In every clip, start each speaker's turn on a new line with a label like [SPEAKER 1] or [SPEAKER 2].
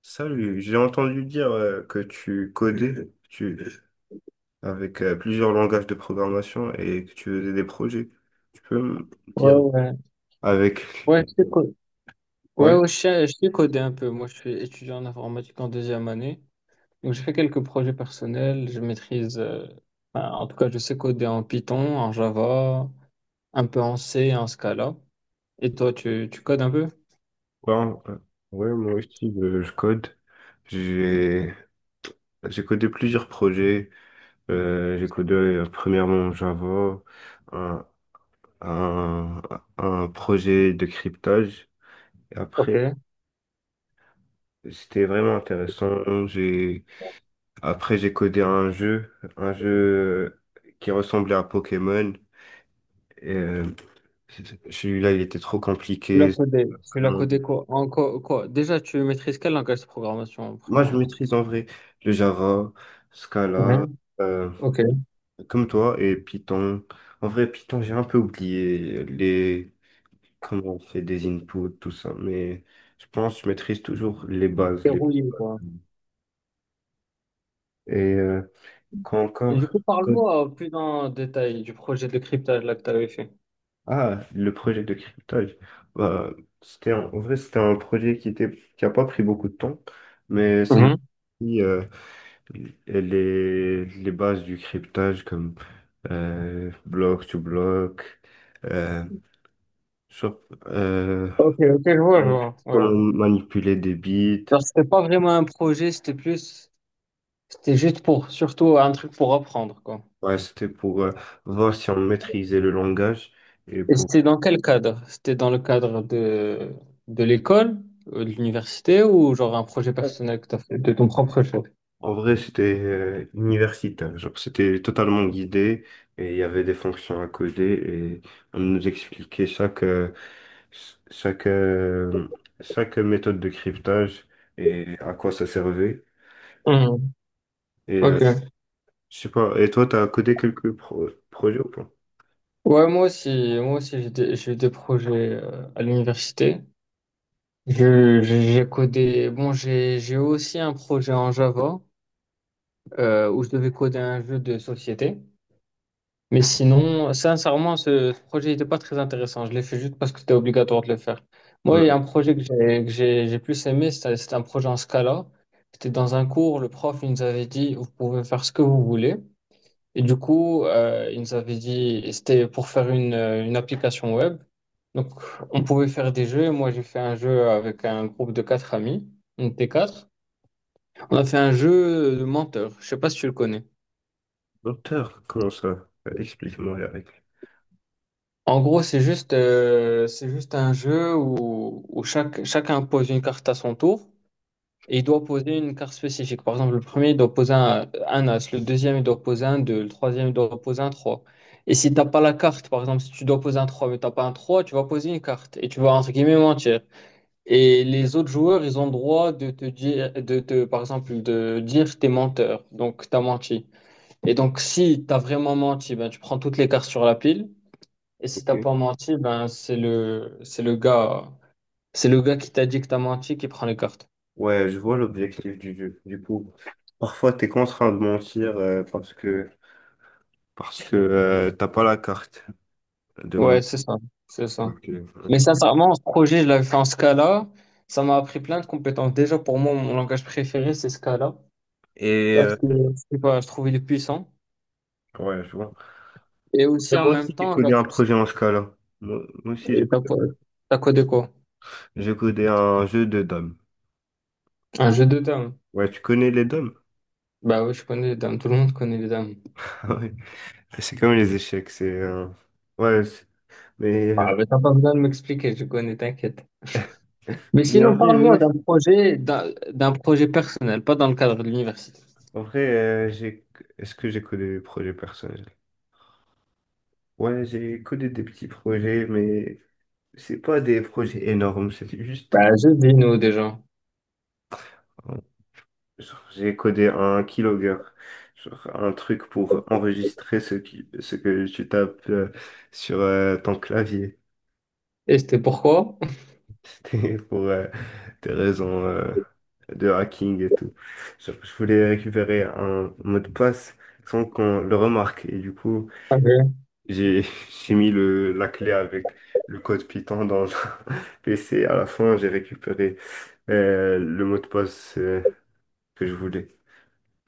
[SPEAKER 1] Salut, j'ai entendu dire que tu codais avec plusieurs langages de programmation et que tu faisais des projets. Tu peux me
[SPEAKER 2] Ouais,
[SPEAKER 1] dire
[SPEAKER 2] ouais.
[SPEAKER 1] avec...
[SPEAKER 2] Ouais, ouais,
[SPEAKER 1] Ouais,
[SPEAKER 2] ouais, je sais coder un peu. Moi, je suis étudiant en informatique en deuxième année. Donc, je fais quelques projets personnels. Je maîtrise, enfin, en tout cas, je sais coder en Python, en Java, un peu en C, en Scala. Et toi, tu codes un peu?
[SPEAKER 1] ouais, ouais, moi aussi je code. J'ai j'ai codé plusieurs projets. J'ai codé premièrement Java, un, un, un projet de cryptage.
[SPEAKER 2] Ok.
[SPEAKER 1] Après, c'était vraiment intéressant. J'ai Après, j'ai codé un jeu qui ressemblait à Pokémon. Et celui-là, il était trop
[SPEAKER 2] L'as
[SPEAKER 1] compliqué.
[SPEAKER 2] codé. Tu l'as
[SPEAKER 1] Demande-
[SPEAKER 2] codé quoi? En quoi, quoi? Déjà, tu maîtrises quel langage de programmation,
[SPEAKER 1] Moi, je
[SPEAKER 2] premièrement?
[SPEAKER 1] maîtrise en vrai le Java, Scala,
[SPEAKER 2] Mhm.
[SPEAKER 1] euh,
[SPEAKER 2] Ok.
[SPEAKER 1] comme toi, et Python. En vrai, Python, j'ai un peu oublié les comment on fait des inputs, tout ça. Mais je pense que je maîtrise toujours les bases. Les...
[SPEAKER 2] Verrouillé, quoi.
[SPEAKER 1] Et quoi
[SPEAKER 2] Et
[SPEAKER 1] encore?
[SPEAKER 2] du coup, parle-moi plus en détail du projet de cryptage là que tu avais fait.
[SPEAKER 1] Ah, le projet de cryptage. Bah, en vrai, c'était un projet qui a pas pris beaucoup de temps, mais ça nous a
[SPEAKER 2] Mhm.
[SPEAKER 1] appris les bases du cryptage comme bloc to bloc, euh, sur- euh,
[SPEAKER 2] Ok, ok, je vois, je
[SPEAKER 1] comment, comment
[SPEAKER 2] vois.
[SPEAKER 1] manipuler des bits.
[SPEAKER 2] Alors, c'était pas vraiment un projet, c'était plus, c'était juste pour, surtout un truc pour apprendre, quoi.
[SPEAKER 1] Ouais, c'était pour voir si on maîtrisait le langage et
[SPEAKER 2] Et
[SPEAKER 1] pour
[SPEAKER 2] c'était dans quel cadre? C'était dans le cadre de l'école, de l'université ou genre un projet personnel que t'as fait de ton propre chef?
[SPEAKER 1] en vrai, c'était universitaire. Genre, c'était totalement guidé et il y avait des fonctions à coder et on nous expliquait chaque, chaque méthode de cryptage et à quoi ça servait.
[SPEAKER 2] Mhm.
[SPEAKER 1] Et
[SPEAKER 2] Ok.
[SPEAKER 1] je sais pas, et toi, t'as codé quelques projets ou pas?
[SPEAKER 2] Ouais, moi aussi, j'ai des, j'ai eu des projets à l'université. J'ai codé, bon, j'ai aussi un projet en Java où je devais coder un jeu de société. Mais sinon, sincèrement, ce projet n'était pas très intéressant. Je l'ai fait juste parce que c'était obligatoire de le faire. Moi, il y a
[SPEAKER 1] Hum,
[SPEAKER 2] un projet que j'ai plus aimé, c'était un projet en Scala. C'était dans un cours, le prof il nous avait dit, vous pouvez faire ce que vous voulez. Et du coup, il nous avait dit, et c'était pour faire une application web. Donc, on pouvait faire des jeux. Moi, j'ai fait un jeu avec un groupe de quatre amis. On était quatre. On a fait un jeu de menteur. Je sais pas si tu le connais.
[SPEAKER 1] Docteur, comment ça? Explique-moi les règles.
[SPEAKER 2] En gros, c'est juste, un jeu où chacun pose une carte à son tour et il doit poser une carte spécifique. Par exemple, le premier, il doit poser un as, le deuxième, il doit poser un 2. Le troisième, il doit poser un 3. Et si t'as pas la carte, par exemple, si tu dois poser un 3 mais t'as pas un 3, tu vas poser une carte et tu vas entre guillemets mentir. Et les autres joueurs, ils ont le droit de te dire, par exemple, de dire t'es menteur, donc t'as menti. Et donc, si t'as vraiment menti, ben, tu prends toutes les cartes sur la pile. Et si t'as
[SPEAKER 1] Ok.
[SPEAKER 2] pas menti, ben c'est le gars qui t'a dit que t'as menti qui prend les cartes.
[SPEAKER 1] Ouais, je vois l'objectif du jeu. Du coup, parfois, t'es contraint de mentir parce que t'as pas la carte
[SPEAKER 2] Ouais,
[SPEAKER 1] de
[SPEAKER 2] c'est ça, c'est ça.
[SPEAKER 1] ok,
[SPEAKER 2] Mais
[SPEAKER 1] ok.
[SPEAKER 2] sincèrement, ce projet, je l'avais fait en Scala. Ça m'a appris plein de compétences. Déjà, pour moi, mon langage préféré, c'est Scala.
[SPEAKER 1] Et
[SPEAKER 2] Parce que je sais pas, je trouve il est puissant.
[SPEAKER 1] ouais, je vois.
[SPEAKER 2] Et
[SPEAKER 1] Mais
[SPEAKER 2] aussi en
[SPEAKER 1] moi
[SPEAKER 2] même
[SPEAKER 1] aussi, j'ai
[SPEAKER 2] temps,
[SPEAKER 1] codé
[SPEAKER 2] genre,
[SPEAKER 1] un projet en Scala. Moi, moi aussi,
[SPEAKER 2] et t'as quoi t'as codé quoi?
[SPEAKER 1] j'ai codé un jeu de dames.
[SPEAKER 2] Un jeu de dames.
[SPEAKER 1] Ouais, tu connais les dames?
[SPEAKER 2] Bah oui, je connais les dames. Tout le monde connaît les dames.
[SPEAKER 1] Ah ouais. C'est comme les échecs, c'est... ouais, mais,
[SPEAKER 2] Ah,
[SPEAKER 1] euh,
[SPEAKER 2] mais t'as pas besoin de m'expliquer, je connais, t'inquiète. Mais
[SPEAKER 1] mais en
[SPEAKER 2] sinon,
[SPEAKER 1] vrai,
[SPEAKER 2] parle-moi
[SPEAKER 1] ouais,
[SPEAKER 2] d'un projet, d'un projet personnel, pas dans le cadre de l'université.
[SPEAKER 1] en vrai j'ai... Est-ce que j'ai codé des projets personnels? Ouais, j'ai codé des petits projets, mais c'est pas des projets énormes, c'est juste...
[SPEAKER 2] Bah, je dis nous déjà.
[SPEAKER 1] Genre, j'ai codé un keylogger, genre un truc pour enregistrer ce que tu tapes sur ton clavier.
[SPEAKER 2] Et c'était pourquoi?
[SPEAKER 1] C'était pour des raisons de hacking et tout. Genre, je voulais récupérer un mot de passe sans qu'on le remarque. Et du coup,
[SPEAKER 2] Ah ouais.
[SPEAKER 1] j'ai j'ai mis la clé avec le code Python dans le PC. À la fin, j'ai récupéré le mot de passe que je voulais.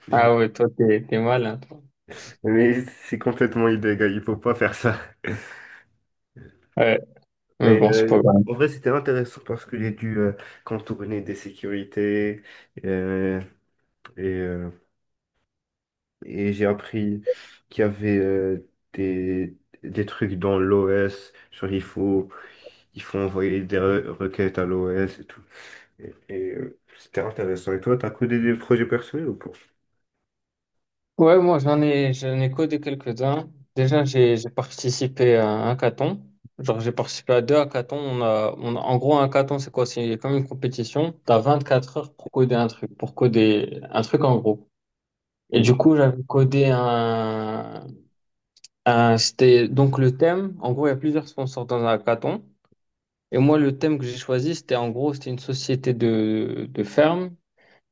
[SPEAKER 2] Ah ouais, toi, t'es malin, toi.
[SPEAKER 1] Mais c'est complètement illégal, il faut pas faire ça.
[SPEAKER 2] Ouais, mais
[SPEAKER 1] Mais
[SPEAKER 2] bon, c'est pas grave.
[SPEAKER 1] en vrai, c'était intéressant parce que j'ai dû contourner des sécurités euh, et, euh, et j'ai appris qu'il y avait des, des trucs dans l'OS. Genre, il faut envoyer des requêtes à l'OS et tout. C'était intéressant. Et toi, t'as codé des projets personnels ou pas?
[SPEAKER 2] Ouais, moi, j'en ai codé quelques-uns. Déjà, j'ai participé à un hackathon. Genre, j'ai participé à deux hackathons. En gros, un hackathon, c'est quoi? C'est comme une compétition. T'as 24 heures pour coder un truc, en gros. Et
[SPEAKER 1] Hmm.
[SPEAKER 2] du coup, c'était donc le thème. En gros, il y a plusieurs sponsors dans un hackathon. Et moi, le thème que j'ai choisi, c'était en gros, c'était une société de ferme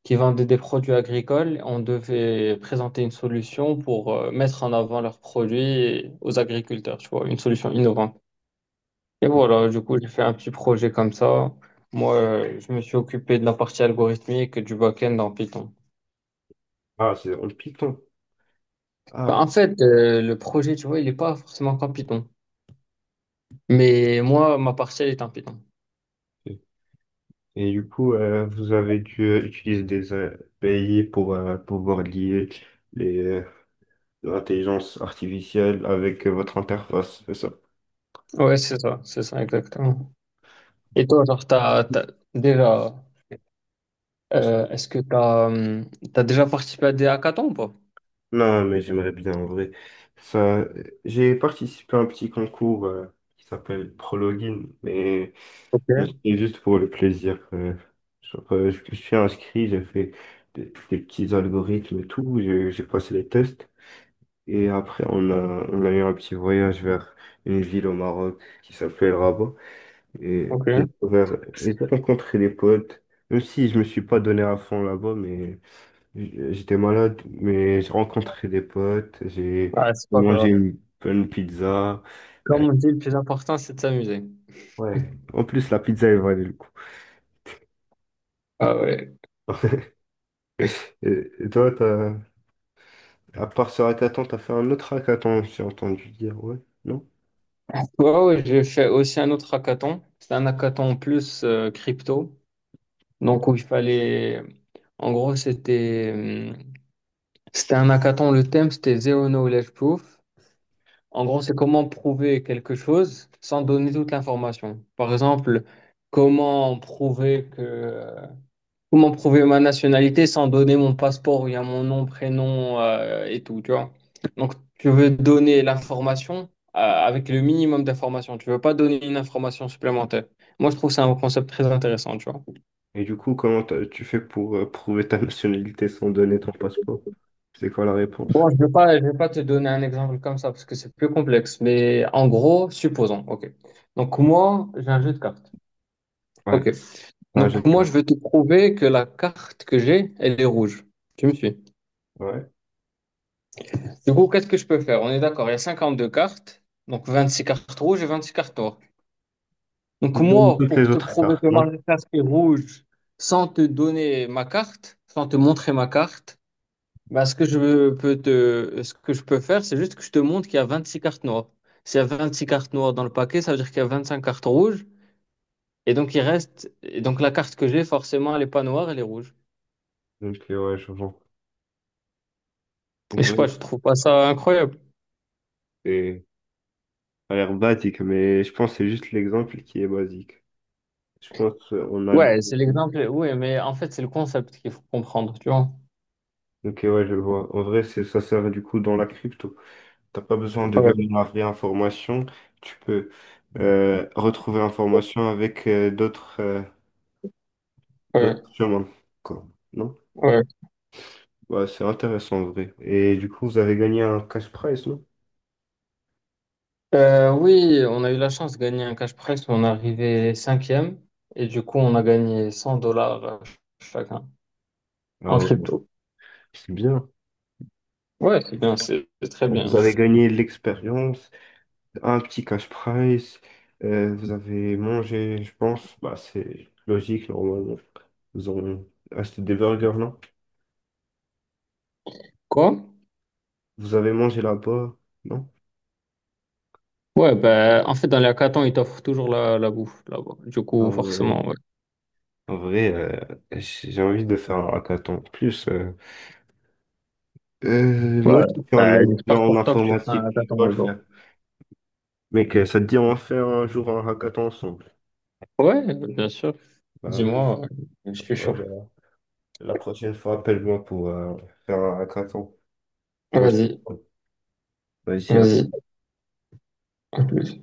[SPEAKER 2] qui vendait des produits agricoles. On devait présenter une solution pour mettre en avant leurs produits aux agriculteurs, tu vois, une solution innovante. Et voilà, du coup, j'ai fait un petit projet comme ça. Moi, je me suis occupé de la partie algorithmique et du back-end en Python.
[SPEAKER 1] Ah, c'est en Python.
[SPEAKER 2] Bah, en
[SPEAKER 1] Ah,
[SPEAKER 2] fait, le projet, tu vois, il n'est pas forcément qu'en Python. Mais moi, ma partie, elle est en Python.
[SPEAKER 1] et, et du coup, vous avez dû utiliser des API pour pouvoir lier les. De l'intelligence artificielle avec votre interface, c'est ça?
[SPEAKER 2] Ouais, c'est ça exactement. Et toi, genre, déjà, est-ce que t'as déjà participé à des hackathons ou pas?
[SPEAKER 1] Non, mais j'aimerais bien en vrai. Ça, j'ai participé à un petit concours qui s'appelle Prologin, mais
[SPEAKER 2] Ok,
[SPEAKER 1] c'était juste pour le plaisir. Je me suis inscrit, j'ai fait des petits algorithmes et tout, j'ai passé les tests. Et après, on a eu un petit voyage vers une ville au Maroc qui s'appelle Rabat. Et j'ai
[SPEAKER 2] ok.
[SPEAKER 1] découvert, j'ai rencontré des potes, même si je me suis pas donné à fond là-bas, mais j'étais malade, mais j'ai rencontré des potes, j'ai
[SPEAKER 2] Ah, c'est pas
[SPEAKER 1] mangé
[SPEAKER 2] grave.
[SPEAKER 1] une bonne pizza. Euh,
[SPEAKER 2] Comme on dit, le plus important, c'est de s'amuser.
[SPEAKER 1] Ouais. En plus, la pizza, elle valait le coup.
[SPEAKER 2] Ah ouais.
[SPEAKER 1] Et et toi, à part ce hackathon, t'as fait un autre hackathon, j'ai entendu dire, ouais, non?
[SPEAKER 2] Ouais, ouais, j'ai fait aussi un autre hackathon. C'était un hackathon plus crypto. Donc, où il fallait. En gros, c'était un hackathon. Le thème, c'était Zero Knowledge Proof. En gros, c'est comment prouver quelque chose sans donner toute l'information. Par exemple, comment prouver que comment prouver ma nationalité sans donner mon passeport où il y a mon nom, prénom et tout, tu vois. Donc, tu veux donner l'information avec le minimum d'informations. Tu veux pas donner une information supplémentaire. Moi, je trouve que c'est un concept très intéressant, tu vois.
[SPEAKER 1] Et du coup, tu fais pour prouver ta nationalité sans donner ton passeport? C'est quoi la réponse?
[SPEAKER 2] Bon, je vais pas te donner un exemple comme ça parce que c'est plus complexe, mais en gros, supposons, ok. Donc moi, j'ai un jeu de cartes.
[SPEAKER 1] Ouais,
[SPEAKER 2] Ok.
[SPEAKER 1] t'as un jeu
[SPEAKER 2] Donc
[SPEAKER 1] de
[SPEAKER 2] moi, je
[SPEAKER 1] cartes.
[SPEAKER 2] vais te prouver que la carte que j'ai, elle est rouge. Tu me suis.
[SPEAKER 1] Ouais.
[SPEAKER 2] Du coup, qu'est-ce que je peux faire? On est d'accord, il y a 52 cartes, donc 26 cartes rouges et 26 cartes noires. Donc
[SPEAKER 1] Il donne
[SPEAKER 2] moi,
[SPEAKER 1] toutes
[SPEAKER 2] pour
[SPEAKER 1] les
[SPEAKER 2] te
[SPEAKER 1] autres
[SPEAKER 2] prouver que
[SPEAKER 1] cartes,
[SPEAKER 2] ma
[SPEAKER 1] non?
[SPEAKER 2] carte est rouge, sans te donner ma carte, sans te montrer ma carte, bah, ce que je peux faire, c'est juste que je te montre qu'il y a 26 cartes noires. S'il y a 26 cartes noires dans le paquet, ça veut dire qu'il y a 25 cartes rouges. Et donc la carte que j'ai, forcément, elle n'est pas noire, elle est rouge.
[SPEAKER 1] Donc, ouais, je vois. En
[SPEAKER 2] Et je sais
[SPEAKER 1] vrai,
[SPEAKER 2] pas, je trouve pas ça incroyable.
[SPEAKER 1] c'est- ça a l'air basique, mais je pense que c'est juste l'exemple qui est basique. Je pense qu'on a le
[SPEAKER 2] Ouais,
[SPEAKER 1] gros.
[SPEAKER 2] c'est l'exemple. Oui, mais en fait, c'est le concept qu'il faut comprendre, tu vois.
[SPEAKER 1] Ok, ouais, je vois. En vrai, c'est ça sert du coup dans la crypto. T'as pas besoin de
[SPEAKER 2] Ouais,
[SPEAKER 1] donner la vraie information. Tu peux retrouver l'information avec d'autres
[SPEAKER 2] ouais,
[SPEAKER 1] d'autres chemins, quoi. Non?
[SPEAKER 2] ouais.
[SPEAKER 1] Ouais, c'est intéressant en vrai. Et du coup, vous avez gagné un cash prize, non?
[SPEAKER 2] Oui, on a eu la chance de gagner un cash prize, où on est arrivé cinquième et du coup, on a gagné 100 dollars chacun
[SPEAKER 1] Ah
[SPEAKER 2] en
[SPEAKER 1] ouais,
[SPEAKER 2] crypto.
[SPEAKER 1] c'est bien.
[SPEAKER 2] Ouais, c'est bien, c'est très bien.
[SPEAKER 1] Vous avez gagné l'expérience, un petit cash prize. Vous avez mangé, je pense, bah, c'est logique, normalement. Vous avez acheté des burgers, non?
[SPEAKER 2] Quoi?
[SPEAKER 1] Vous avez mangé là-bas, non?
[SPEAKER 2] Ouais, ben, en fait, dans les hackathons, ils t'offrent toujours la bouffe là-bas. Du coup,
[SPEAKER 1] En vrai,
[SPEAKER 2] forcément, ouais.
[SPEAKER 1] en vrai, j'ai envie de faire un hackathon. En plus, moi,
[SPEAKER 2] Ouais,
[SPEAKER 1] je suis un
[SPEAKER 2] ben,
[SPEAKER 1] étudiant
[SPEAKER 2] j'espère
[SPEAKER 1] en
[SPEAKER 2] pour toi que tu feras un
[SPEAKER 1] informatique, je
[SPEAKER 2] hackathon
[SPEAKER 1] dois le
[SPEAKER 2] un jour.
[SPEAKER 1] faire. Mec, ça te dit, on va faire un jour un hackathon ensemble.
[SPEAKER 2] Ouais, bien sûr.
[SPEAKER 1] Bah ouais,
[SPEAKER 2] Dis-moi, ouais. Je
[SPEAKER 1] ça
[SPEAKER 2] suis chaud.
[SPEAKER 1] va. La prochaine fois, appelle-moi pour faire un hackathon. Ouais, je
[SPEAKER 2] Vas-y,
[SPEAKER 1] suis chaud. Vas-y, à
[SPEAKER 2] vas-y. À plus.